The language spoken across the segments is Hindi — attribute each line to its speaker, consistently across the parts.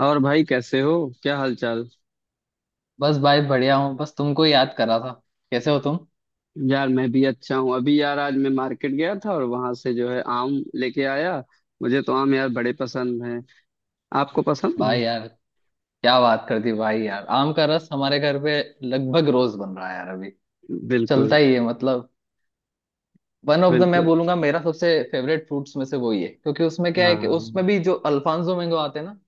Speaker 1: और भाई कैसे हो? क्या हालचाल?
Speaker 2: बस भाई बढ़िया हूँ। बस तुमको याद करा था। कैसे हो तुम?
Speaker 1: यार मैं भी अच्छा हूँ। अभी यार आज मैं मार्केट गया था और वहां से जो है आम लेके आया। मुझे तो आम यार बड़े पसंद हैं। आपको पसंद हैं?
Speaker 2: भाई यार, क्या बात कर दी भाई यार। आम का रस हमारे घर पे लगभग रोज बन रहा है यार अभी। चलता
Speaker 1: बिल्कुल
Speaker 2: ही है मतलब। वन ऑफ द मैं
Speaker 1: बिल्कुल।
Speaker 2: बोलूंगा मेरा सबसे फेवरेट फ्रूट्स में से वही है, क्योंकि उसमें क्या है कि
Speaker 1: हाँ।
Speaker 2: उसमें भी जो अल्फांसो मैंगो आते हैं ना,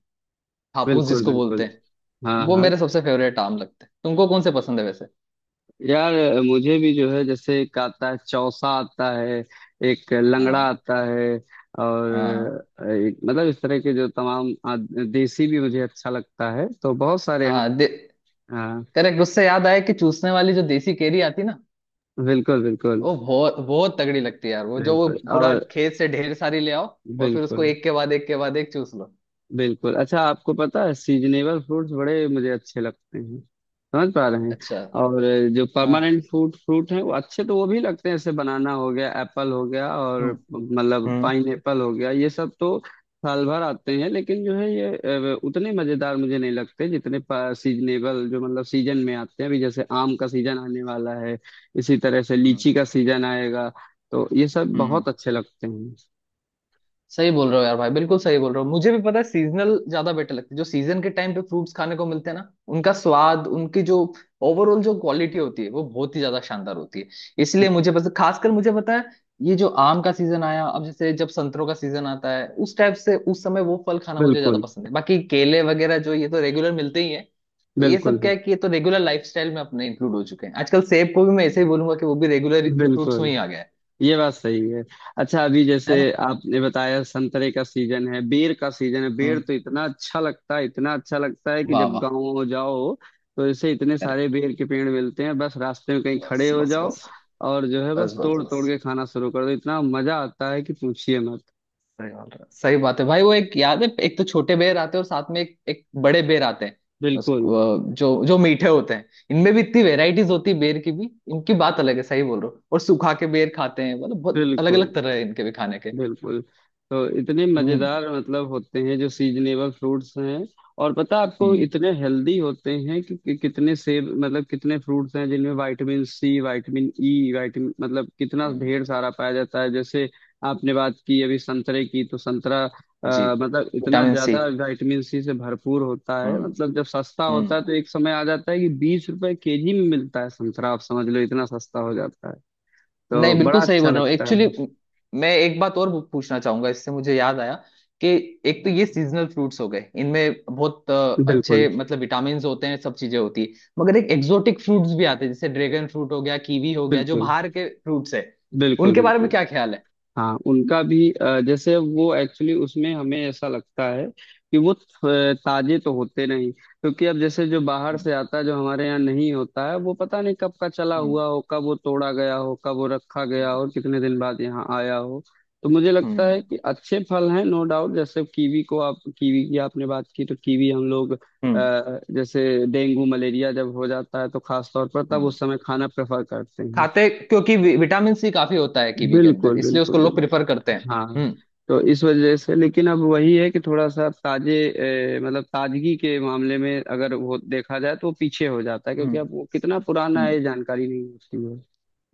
Speaker 2: हापुस
Speaker 1: बिल्कुल
Speaker 2: जिसको बोलते
Speaker 1: बिल्कुल।
Speaker 2: हैं,
Speaker 1: हाँ
Speaker 2: वो
Speaker 1: हाँ।
Speaker 2: मेरे सबसे फेवरेट आम लगते हैं। तुमको कौन से पसंद है वैसे?
Speaker 1: यार मुझे भी जो है जैसे एक आता है चौसा आता है। एक लंगड़ा
Speaker 2: हाँ।
Speaker 1: आता है।
Speaker 2: हाँ।
Speaker 1: और एक मतलब इस तरह के जो तमाम देसी भी मुझे अच्छा लगता है, तो बहुत सारे आम-
Speaker 2: हाँ।
Speaker 1: हाँ।
Speaker 2: करेक्ट। उससे याद आया कि चूसने वाली जो देसी केरी आती ना,
Speaker 1: बिल्कुल बिल्कुल।
Speaker 2: वो बहुत बहुत तगड़ी लगती है यार। वो जो वो
Speaker 1: बिल्कुल।
Speaker 2: पूरा
Speaker 1: और
Speaker 2: खेत से ढेर सारी ले आओ और फिर उसको
Speaker 1: बिल्कुल
Speaker 2: एक के बाद एक के बाद एक चूस लो।
Speaker 1: बिल्कुल। अच्छा आपको पता है सीजनेबल फ्रूट्स बड़े मुझे अच्छे लगते हैं। समझ पा रहे हैं?
Speaker 2: अच्छा।
Speaker 1: और जो
Speaker 2: हाँ।
Speaker 1: परमानेंट फ्रूट फ्रूट हैं वो अच्छे, तो वो भी लगते हैं जैसे बनाना हो गया, एप्पल हो गया, और
Speaker 2: हम्म।
Speaker 1: मतलब
Speaker 2: हम्म।
Speaker 1: पाइन एप्पल हो गया। ये सब तो साल भर आते हैं, लेकिन जो है ये उतने मजेदार मुझे नहीं लगते जितने सीजनेबल जो मतलब सीजन में आते हैं। अभी जैसे आम का सीजन आने वाला है, इसी तरह से
Speaker 2: हम्म।
Speaker 1: लीची का सीजन आएगा, तो ये सब
Speaker 2: हम्म।
Speaker 1: बहुत अच्छे लगते हैं।
Speaker 2: सही बोल रहे हो यार भाई, बिल्कुल सही बोल रहे हो। मुझे भी पता है सीजनल ज्यादा बेटर लगते हैं। जो सीजन के टाइम पे फ्रूट्स खाने को मिलते हैं ना, उनका स्वाद, उनकी जो ओवरऑल जो क्वालिटी होती है, वो बहुत ही ज्यादा शानदार होती है। इसलिए मुझे पसंद, खासकर मुझे पता है ये जो आम का सीजन आया, अब जैसे जब संतरों का सीजन आता है, उस टाइप से उस समय वो फल खाना मुझे ज्यादा
Speaker 1: बिल्कुल
Speaker 2: पसंद है। बाकी केले वगैरह जो ये तो रेगुलर मिलते ही है, तो ये
Speaker 1: बिल्कुल
Speaker 2: सब क्या है कि ये तो रेगुलर लाइफस्टाइल में अपने इंक्लूड हो चुके हैं। आजकल सेब को भी मैं ऐसे ही बोलूंगा कि वो भी रेगुलर फ्रूट्स
Speaker 1: बिल्कुल।
Speaker 2: में ही आ गया है।
Speaker 1: ये बात सही है। अच्छा अभी जैसे
Speaker 2: है ना?
Speaker 1: आपने बताया संतरे का सीजन है, बेर का सीजन है। बेर
Speaker 2: हम्म।
Speaker 1: तो इतना अच्छा लगता है, इतना अच्छा लगता है कि
Speaker 2: वाह
Speaker 1: जब
Speaker 2: वाह।
Speaker 1: गाँव जाओ तो जैसे इतने सारे
Speaker 2: correct।
Speaker 1: बेर के पेड़ मिलते हैं। बस रास्ते में कहीं
Speaker 2: बस
Speaker 1: खड़े हो
Speaker 2: बस
Speaker 1: जाओ
Speaker 2: बस।
Speaker 1: और जो है
Speaker 2: बस
Speaker 1: बस
Speaker 2: बस
Speaker 1: तोड़ तोड़
Speaker 2: बस।
Speaker 1: के खाना शुरू कर दो, इतना मजा आता है कि पूछिए मत।
Speaker 2: सही बात है, सही बात है भाई। वो एक याद है, एक तो छोटे बेर आते हैं और साथ में एक एक बड़े बेर आते हैं,
Speaker 1: बिल्कुल
Speaker 2: उसको जो जो मीठे होते हैं। इनमें भी इतनी वेराइटीज होती है, बेर की भी इनकी बात अलग है। सही बोल रहे हो। और सूखा के बेर खाते हैं मतलब, बहुत अलग
Speaker 1: बिल्कुल
Speaker 2: अलग तरह है इनके भी खाने के।
Speaker 1: बिल्कुल। तो इतने
Speaker 2: हम्म।
Speaker 1: मजेदार मतलब होते हैं जो सीजनेबल फ्रूट्स हैं। और पता आपको
Speaker 2: हम्म।
Speaker 1: इतने हेल्दी होते हैं कि कितने सेब मतलब कितने फ्रूट्स हैं जिनमें vitamin C, vitamin E, vitamin मतलब कितना
Speaker 2: हम्म।
Speaker 1: ढेर सारा पाया जाता है। जैसे आपने बात की अभी संतरे की, तो संतरा
Speaker 2: जी।
Speaker 1: मतलब इतना
Speaker 2: विटामिन सी।
Speaker 1: ज्यादा विटामिन सी से भरपूर होता है।
Speaker 2: हम्म।
Speaker 1: मतलब जब सस्ता होता
Speaker 2: हम्म।
Speaker 1: है तो एक समय आ जाता है कि 20 रुपए केजी में मिलता है संतरा, आप समझ लो इतना सस्ता हो जाता है,
Speaker 2: नहीं,
Speaker 1: तो बड़ा
Speaker 2: बिल्कुल सही
Speaker 1: अच्छा
Speaker 2: बोल रहे हो।
Speaker 1: लगता
Speaker 2: एक्चुअली
Speaker 1: है।
Speaker 2: मैं एक बात और पूछना चाहूंगा, इससे मुझे याद आया कि एक तो ये सीजनल फ्रूट्स हो गए, इनमें बहुत
Speaker 1: बिल्कुल
Speaker 2: अच्छे मतलब विटामिन होते हैं, सब चीजें होती है। मगर एक एक्सोटिक फ्रूट्स भी आते हैं, जैसे ड्रैगन फ्रूट हो गया, कीवी हो गया, जो
Speaker 1: बिल्कुल
Speaker 2: बाहर के फ्रूट्स है,
Speaker 1: बिल्कुल
Speaker 2: उनके बारे में
Speaker 1: बिल्कुल।
Speaker 2: क्या ख्याल है?
Speaker 1: हाँ उनका भी जैसे वो एक्चुअली उसमें हमें ऐसा लगता है कि वो ताजे तो होते नहीं, क्योंकि अब जैसे जो बाहर
Speaker 2: हम्म।
Speaker 1: से आता है जो हमारे यहाँ नहीं होता है वो पता नहीं कब का चला
Speaker 2: हम्म।
Speaker 1: हुआ हो, कब वो तोड़ा गया हो, कब वो रखा गया हो, कितने दिन बाद यहाँ आया हो। तो मुझे
Speaker 2: हम्म।
Speaker 1: लगता है
Speaker 2: हम्म।
Speaker 1: कि अच्छे फल हैं नो डाउट। जैसे कीवी को आप, कीवी की आपने बात की, तो कीवी हम लोग
Speaker 2: हम्म।
Speaker 1: जैसे डेंगू मलेरिया जब हो जाता है तो खास तौर पर तब
Speaker 2: हम्म।
Speaker 1: उस समय खाना प्रेफर करते हैं।
Speaker 2: खाते क्योंकि विटामिन सी काफी होता है कीवी के अंदर,
Speaker 1: बिल्कुल
Speaker 2: इसलिए उसको
Speaker 1: बिल्कुल
Speaker 2: लोग प्रिफर
Speaker 1: बिल्कुल।
Speaker 2: करते हैं।
Speaker 1: हाँ।
Speaker 2: हम्म।
Speaker 1: तो इस वजह से, लेकिन अब वही है कि थोड़ा सा ताजे मतलब ताजगी के मामले में अगर वो देखा जाए तो वो पीछे हो जाता है, क्योंकि अब वो कितना पुराना है
Speaker 2: हम्म।
Speaker 1: ये जानकारी नहीं होती है।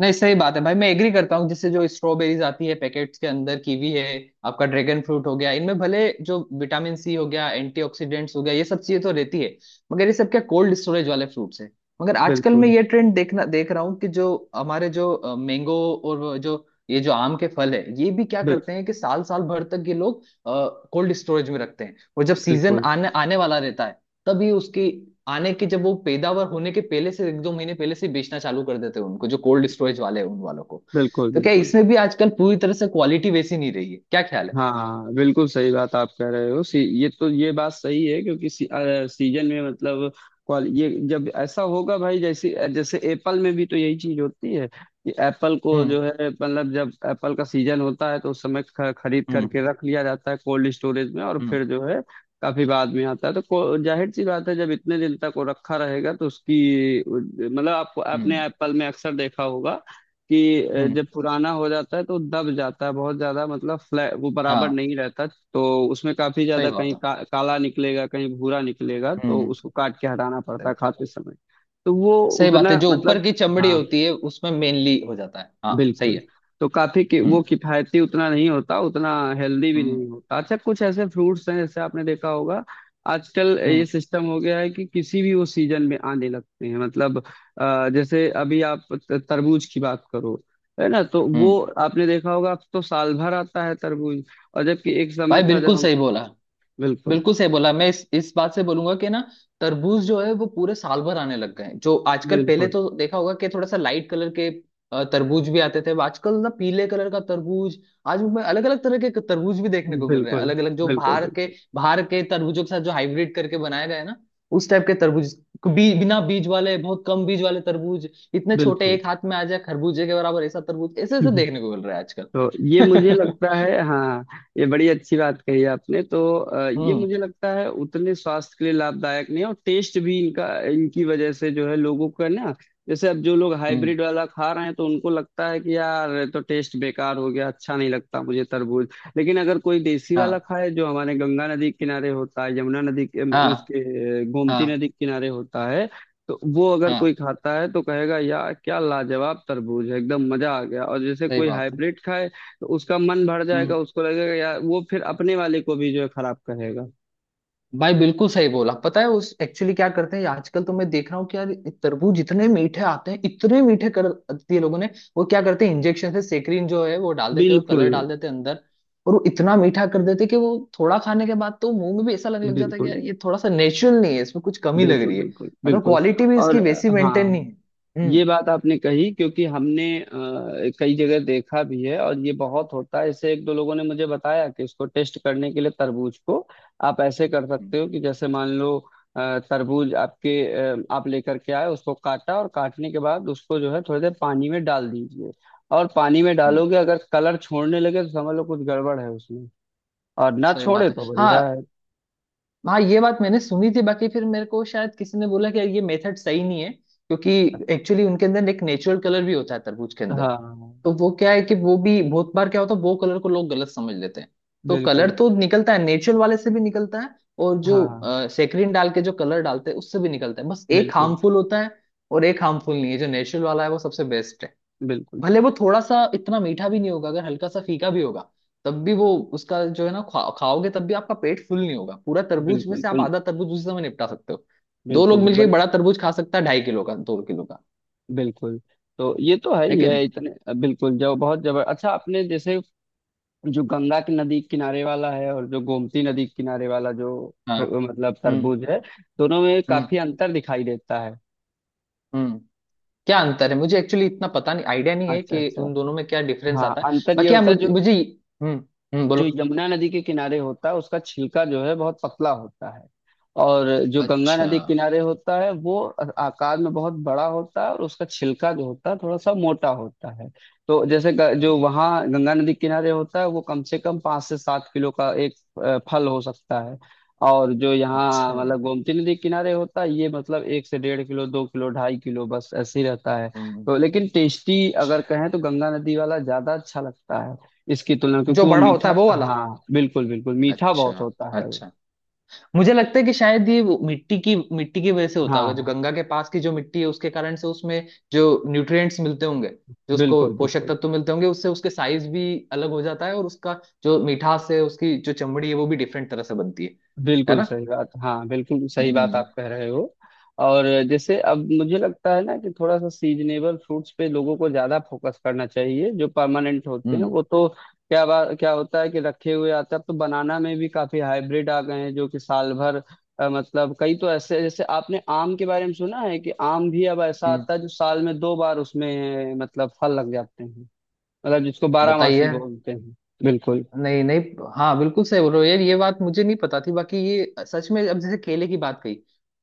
Speaker 2: नहीं, सही बात है भाई। मैं एग्री करता हूँ, जिससे जो स्ट्रॉबेरीज आती है पैकेट्स के अंदर, कीवी है, आपका ड्रैगन फ्रूट हो गया, इनमें भले जो विटामिन सी हो गया, एंटीऑक्सीडेंट्स हो गया, ये सब चीजें तो रहती है, मगर ये सब क्या कोल्ड स्टोरेज वाले फ्रूट्स है। मगर आजकल मैं
Speaker 1: बिल्कुल
Speaker 2: ये ट्रेंड देख रहा हूँ कि जो हमारे जो मैंगो और वो जो ये जो आम के फल है, ये भी क्या
Speaker 1: बिल,
Speaker 2: करते हैं कि साल साल भर तक ये लोग कोल्ड स्टोरेज में रखते हैं, और जब सीजन
Speaker 1: बिल्कुल
Speaker 2: आने आने वाला रहता है तभी उसकी आने की, जब वो पैदावार होने के पहले से 1-2 महीने पहले से बेचना चालू कर देते हैं उनको, जो कोल्ड स्टोरेज वाले हैं उन वालों को।
Speaker 1: बिल्कुल
Speaker 2: तो क्या
Speaker 1: बिल्कुल।
Speaker 2: इसमें भी आजकल पूरी तरह से क्वालिटी वैसी नहीं रही है? क्या ख्याल है?
Speaker 1: हाँ बिल्कुल सही बात आप कह रहे हो। ये तो, ये बात सही है क्योंकि सीजन में मतलब क्वाल ये जब ऐसा होगा भाई, जैसे जैसे एप्पल में भी तो यही चीज होती है कि एप्पल को
Speaker 2: हम्म।
Speaker 1: जो है मतलब जब एप्पल का सीजन होता है तो उस समय खरीद
Speaker 2: हम्म।
Speaker 1: करके रख लिया जाता है कोल्ड स्टोरेज में, और
Speaker 2: हम्म।
Speaker 1: फिर जो है काफी बाद में आता है, तो जाहिर सी बात है जब इतने दिन तक वो रखा रहेगा तो उसकी मतलब आपको, आपने
Speaker 2: हम्म।
Speaker 1: एप्पल में अक्सर देखा होगा कि
Speaker 2: हम्म।
Speaker 1: जब पुराना हो जाता है तो दब जाता है बहुत ज्यादा, मतलब फ्लैट, वो बराबर
Speaker 2: हाँ।
Speaker 1: नहीं रहता, तो उसमें काफी
Speaker 2: सही
Speaker 1: ज्यादा
Speaker 2: बात
Speaker 1: कहीं
Speaker 2: है।
Speaker 1: काला निकलेगा, कहीं भूरा निकलेगा, तो
Speaker 2: हम्म।
Speaker 1: उसको काट के हटाना पड़ता है
Speaker 2: सही।
Speaker 1: खाते समय। तो वो
Speaker 2: सही बात है,
Speaker 1: उतना
Speaker 2: जो ऊपर
Speaker 1: मतलब
Speaker 2: की चमड़ी
Speaker 1: हाँ
Speaker 2: होती है उसमें मेनली हो जाता है। हाँ, सही
Speaker 1: बिल्कुल।
Speaker 2: है।
Speaker 1: तो काफी
Speaker 2: हम्म।
Speaker 1: वो किफायती उतना नहीं होता, उतना हेल्दी भी नहीं
Speaker 2: हम्म।
Speaker 1: होता। अच्छा कुछ ऐसे फ्रूट्स हैं जैसे आपने देखा होगा आजकल ये
Speaker 2: हम्म।
Speaker 1: सिस्टम हो गया है कि किसी भी वो सीजन में आने लगते हैं, मतलब जैसे अभी आप तरबूज की बात करो, है ना? तो
Speaker 2: हम्म।
Speaker 1: वो आपने देखा होगा, अब तो साल भर आता है तरबूज। और जबकि एक समय
Speaker 2: भाई
Speaker 1: था जब
Speaker 2: बिल्कुल
Speaker 1: हम-
Speaker 2: सही बोला।
Speaker 1: बिल्कुल।
Speaker 2: बिल्कुल सही बोला। मैं इस बात से बोलूंगा कि ना, तरबूज जो है वो पूरे साल भर आने लग गए हैं जो आजकल। पहले
Speaker 1: बिल्कुल
Speaker 2: तो देखा होगा कि थोड़ा सा लाइट कलर के तरबूज भी आते थे, अब आजकल ना, पीले कलर का तरबूज, आज मैं अलग अलग तरह के तरबूज भी देखने को मिल रहे हैं,
Speaker 1: बिल्कुल
Speaker 2: अलग अलग जो
Speaker 1: बिल्कुल
Speaker 2: बाहर के,
Speaker 1: बिल्कुल
Speaker 2: बाहर के तरबूजों के साथ जो हाइब्रिड करके बनाए गए हैं ना, उस टाइप के तरबूज। बिना बीज वाले, बहुत कम बीज वाले तरबूज, इतने छोटे,
Speaker 1: बिल्कुल।
Speaker 2: एक हाथ में आ जाए, खरबूजे के बराबर ऐसा तरबूज, ऐसे ऐसे देखने को मिल रहा है आजकल।
Speaker 1: तो ये मुझे लगता है। हाँ, ये बड़ी अच्छी बात कही आपने। तो ये
Speaker 2: हम्म।
Speaker 1: मुझे लगता है उतने स्वास्थ्य के लिए लाभदायक नहीं है, और टेस्ट भी इनका, इनकी वजह से जो है लोगों का ना, जैसे अब जो लोग
Speaker 2: हम्म।
Speaker 1: हाइब्रिड वाला खा रहे हैं तो उनको लगता है कि यार ये तो टेस्ट बेकार हो गया, अच्छा नहीं लगता मुझे तरबूज। लेकिन अगर कोई देसी वाला
Speaker 2: हाँ।
Speaker 1: खाए जो हमारे गंगा नदी के किनारे होता है, यमुना नदी के
Speaker 2: हाँ।
Speaker 1: उसके गोमती
Speaker 2: हाँ।
Speaker 1: नदी के किनारे होता है, तो वो अगर
Speaker 2: हाँ,
Speaker 1: कोई खाता है तो कहेगा यार क्या लाजवाब तरबूज है, एकदम मजा आ गया। और जैसे
Speaker 2: सही
Speaker 1: कोई
Speaker 2: बात है।
Speaker 1: हाइब्रिड खाए तो उसका मन भर
Speaker 2: हम्म।
Speaker 1: जाएगा, उसको लगेगा यार, वो फिर अपने वाले को भी जो है खराब कहेगा।
Speaker 2: भाई बिल्कुल सही बोला। पता है, उस एक्चुअली क्या करते हैं आजकल, तो मैं देख रहा हूँ कि यार, तरबूज इतने मीठे आते हैं, इतने मीठे कर दिए लोगों ने। वो क्या करते हैं, इंजेक्शन से सेक्रीन जो है वो डाल देते हैं, और
Speaker 1: बिल्कुल
Speaker 2: कलर डाल देते हैं अंदर, और वो इतना मीठा कर देते हैं कि वो थोड़ा खाने के बाद तो मुंह में भी ऐसा लगने लग जाता है कि
Speaker 1: बिल्कुल
Speaker 2: यार, ये थोड़ा सा नेचुरल नहीं है, इसमें कुछ कमी लग
Speaker 1: बिल्कुल
Speaker 2: रही है।
Speaker 1: बिल्कुल
Speaker 2: मतलब
Speaker 1: बिल्कुल।
Speaker 2: क्वालिटी भी
Speaker 1: और
Speaker 2: इसकी वैसी मेंटेन
Speaker 1: हाँ,
Speaker 2: नहीं है। हम्म।
Speaker 1: ये बात आपने कही क्योंकि हमने कई जगह देखा भी है और ये बहुत होता है। इससे एक दो लोगों ने मुझे बताया कि इसको टेस्ट करने के लिए तरबूज को आप ऐसे कर
Speaker 2: हम्म।
Speaker 1: सकते हो कि जैसे मान लो तरबूज आपके आप लेकर के आए, उसको काटा, और काटने के बाद उसको जो है थोड़ी देर पानी में डाल दीजिए। और पानी में
Speaker 2: हम्म,
Speaker 1: डालोगे अगर कलर छोड़ने लगे तो समझ लो कुछ गड़बड़ है उसमें, और ना
Speaker 2: सही
Speaker 1: छोड़े
Speaker 2: बात है।
Speaker 1: तो बढ़िया
Speaker 2: हाँ।
Speaker 1: है।
Speaker 2: हाँ, ये बात मैंने सुनी थी। बाकी फिर मेरे को शायद किसी ने बोला कि यार, ये मेथड सही नहीं है, क्योंकि एक्चुअली उनके अंदर एक नेचुरल कलर भी होता है तरबूज के अंदर,
Speaker 1: हाँ
Speaker 2: तो वो क्या है कि वो भी बहुत बार क्या होता है, वो कलर को लोग गलत समझ लेते हैं। तो कलर
Speaker 1: बिल्कुल।
Speaker 2: तो निकलता है, नेचुरल वाले से भी निकलता है और जो
Speaker 1: हाँ
Speaker 2: सेक्रिन डाल के जो कलर डालते हैं उससे भी निकलता है, बस एक
Speaker 1: बिल्कुल
Speaker 2: हार्मफुल होता है और एक हार्मफुल नहीं है। जो नेचुरल वाला है वो सबसे बेस्ट है,
Speaker 1: बिल्कुल
Speaker 2: भले वो थोड़ा सा इतना मीठा भी नहीं होगा, अगर हल्का सा फीका भी होगा, तब भी वो, उसका जो है ना, खाओगे तब भी आपका पेट फुल नहीं होगा, पूरा तरबूज में
Speaker 1: बिल्कुल।
Speaker 2: से
Speaker 1: तो
Speaker 2: आप आधा तरबूज उसी समय निपटा सकते हो, दो लोग
Speaker 1: बिल्कुल, तो
Speaker 2: मिलके एक
Speaker 1: बड़ी
Speaker 2: बड़ा तरबूज खा सकता है, 2.5 किलो का 2 किलो का
Speaker 1: बिल्कुल। तो ये तो है
Speaker 2: है
Speaker 1: ही
Speaker 2: कि
Speaker 1: है
Speaker 2: नहीं?
Speaker 1: इतने बिल्कुल। जो बहुत जबर अच्छा आपने जैसे जो गंगा की नदी किनारे वाला है, और जो गोमती नदी के किनारे वाला जो
Speaker 2: हाँ।
Speaker 1: मतलब
Speaker 2: हम्म।
Speaker 1: तरबूज है, दोनों में
Speaker 2: हम्म।
Speaker 1: काफी अंतर दिखाई देता है।
Speaker 2: हम्म। क्या अंतर है मुझे एक्चुअली इतना पता नहीं, आइडिया नहीं है
Speaker 1: अच्छा
Speaker 2: कि
Speaker 1: अच्छा।
Speaker 2: उन दोनों में क्या डिफरेंस
Speaker 1: हाँ
Speaker 2: आता है।
Speaker 1: अंतर ये
Speaker 2: बाकी हाँ,
Speaker 1: होता है जो
Speaker 2: मुझे, हम्म, हम्म, बोलो।
Speaker 1: जो यमुना नदी के किनारे होता है उसका छिलका जो है बहुत पतला होता है, और जो गंगा
Speaker 2: अच्छा,
Speaker 1: नदी के किनारे होता है वो आकार में बहुत बड़ा होता है, और उसका छिलका जो होता है थोड़ा सा मोटा होता है। तो जैसे जो वहाँ गंगा नदी के किनारे होता है वो कम से कम 5 से 7 किलो का एक फल हो सकता है। और जो यहाँ
Speaker 2: अच्छा।
Speaker 1: मतलब गोमती नदी के किनारे होता है ये मतलब एक से डेढ़ किलो, दो किलो, ढाई किलो बस ऐसे ही रहता है।
Speaker 2: हम्म।
Speaker 1: तो लेकिन टेस्टी अगर
Speaker 2: अच्छा।
Speaker 1: कहें तो गंगा नदी वाला ज्यादा अच्छा लगता है इसकी तुलना, क्योंकि
Speaker 2: जो
Speaker 1: वो
Speaker 2: बड़ा होता है
Speaker 1: मीठा-
Speaker 2: वो वाला?
Speaker 1: हाँ बिल्कुल बिल्कुल, मीठा
Speaker 2: अच्छा।
Speaker 1: बहुत होता है वो।
Speaker 2: अच्छा। मुझे लगता है कि शायद ये वो मिट्टी की, वजह से होता होगा। जो
Speaker 1: हाँ
Speaker 2: गंगा के पास की जो मिट्टी है, उसके कारण से उसमें जो न्यूट्रिएंट्स मिलते होंगे, जो उसको
Speaker 1: बिल्कुल
Speaker 2: पोषक
Speaker 1: बिल्कुल।
Speaker 2: तत्व मिलते होंगे, उससे उसके साइज भी अलग हो जाता है और उसका जो मिठास है, उसकी जो चमड़ी है, वो भी डिफरेंट तरह से बनती है। है
Speaker 1: बिल्कुल
Speaker 2: ना?
Speaker 1: सही बात, हाँ बिल्कुल सही बात
Speaker 2: हम्म।
Speaker 1: आप कह रहे हो। और जैसे अब मुझे लगता है ना कि थोड़ा सा सीजनेबल फ्रूट्स पे लोगों को ज्यादा फोकस करना चाहिए। जो परमानेंट होते हैं
Speaker 2: हम्म।
Speaker 1: वो तो क्या बात, क्या होता है कि रखे हुए आते हैं। अब तो बनाना में भी काफी हाइब्रिड आ गए हैं जो कि साल भर मतलब, कई तो ऐसे, जैसे आपने आम के बारे में सुना है कि आम भी अब ऐसा
Speaker 2: हम्म।
Speaker 1: आता है जो साल में दो बार उसमें मतलब फल लग जाते हैं, मतलब जिसको बारहमासी
Speaker 2: बताइए।
Speaker 1: बोलते हैं। बिल्कुल
Speaker 2: नहीं नहीं। हाँ, बिल्कुल सही बोल रहे हो यार। ये बात मुझे नहीं पता थी। बाकी ये सच में, अब जैसे केले की बात कही,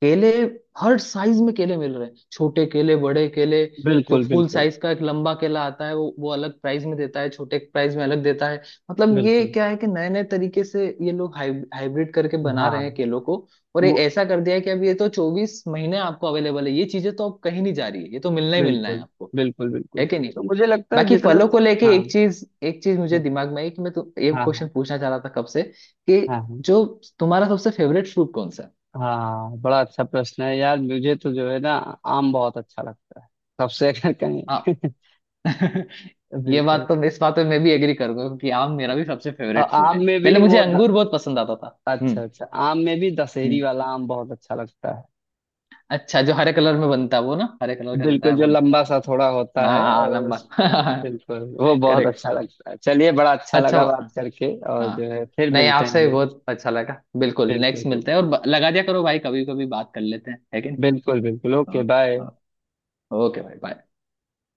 Speaker 2: केले, हर साइज में केले मिल रहे हैं, छोटे केले, बड़े केले, जो
Speaker 1: बिल्कुल
Speaker 2: फुल
Speaker 1: बिल्कुल
Speaker 2: साइज का एक लंबा केला आता है वो अलग प्राइस में देता है, छोटे प्राइस में अलग देता है। मतलब ये
Speaker 1: बिल्कुल।
Speaker 2: क्या है कि नए नए तरीके से ये लोग हाइब्रिड करके बना रहे हैं
Speaker 1: हाँ
Speaker 2: केलों को। और ये
Speaker 1: वो
Speaker 2: ऐसा कर दिया है कि अब ये तो 24 महीने आपको अवेलेबल है, ये चीजें तो अब कहीं नहीं जा रही है, ये तो मिलना ही मिलना है
Speaker 1: बिल्कुल
Speaker 2: आपको।
Speaker 1: बिल्कुल बिल्कुल।
Speaker 2: है कि नहीं?
Speaker 1: तो मुझे लगता है
Speaker 2: बाकी
Speaker 1: जितना-
Speaker 2: फलों को लेके
Speaker 1: हाँ
Speaker 2: एक चीज, मुझे
Speaker 1: हाँ
Speaker 2: दिमाग में आई। कि मैं तो ये
Speaker 1: हाँ
Speaker 2: क्वेश्चन पूछना चाह रहा था कब से कि
Speaker 1: हाँ हाँ।
Speaker 2: जो तुम्हारा सबसे फेवरेट फ्रूट कौन सा है?
Speaker 1: हाँ, बड़ा अच्छा प्रश्न है यार। मुझे तो जो है ना आम बहुत अच्छा लगता है सबसे, अगर
Speaker 2: हाँ।
Speaker 1: कहें।
Speaker 2: ये बात
Speaker 1: बिल्कुल।
Speaker 2: तो, इस बात पे मैं भी एग्री करूंगा, क्योंकि आम मेरा भी सबसे
Speaker 1: और
Speaker 2: फेवरेट फ्रूट है।
Speaker 1: आम में भी
Speaker 2: पहले मुझे
Speaker 1: वो द...
Speaker 2: अंगूर बहुत पसंद आता था। हम्म।
Speaker 1: अच्छा अच्छा, आम में भी दशहरी
Speaker 2: हम्म।
Speaker 1: वाला आम बहुत अच्छा लगता है।
Speaker 2: अच्छा, जो हरे कलर में बनता है वो ना, हरे कलर का रहता है
Speaker 1: बिल्कुल, जो
Speaker 2: बहुत?
Speaker 1: लंबा सा थोड़ा
Speaker 2: हाँ
Speaker 1: होता है
Speaker 2: हाँ, हाँ,
Speaker 1: और
Speaker 2: लंबा।
Speaker 1: उस- बिल्कुल वो बहुत
Speaker 2: करेक्ट।
Speaker 1: अच्छा लगता है। चलिए बड़ा अच्छा
Speaker 2: अच्छा।
Speaker 1: लगा बात करके, और जो
Speaker 2: हाँ।
Speaker 1: है फिर
Speaker 2: नहीं,
Speaker 1: मिलते हैं
Speaker 2: आपसे
Speaker 1: हम।
Speaker 2: भी बहुत अच्छा लगा बिल्कुल।
Speaker 1: बिल्कुल
Speaker 2: नेक्स्ट मिलते हैं।
Speaker 1: बिल्कुल।
Speaker 2: और लगा दिया करो भाई, कभी कभी बात कर लेते हैं। है कि
Speaker 1: बिल्कुल बिल्कुल,
Speaker 2: नहीं?
Speaker 1: Okay bye.
Speaker 2: ओके। ओके भाई, बाय।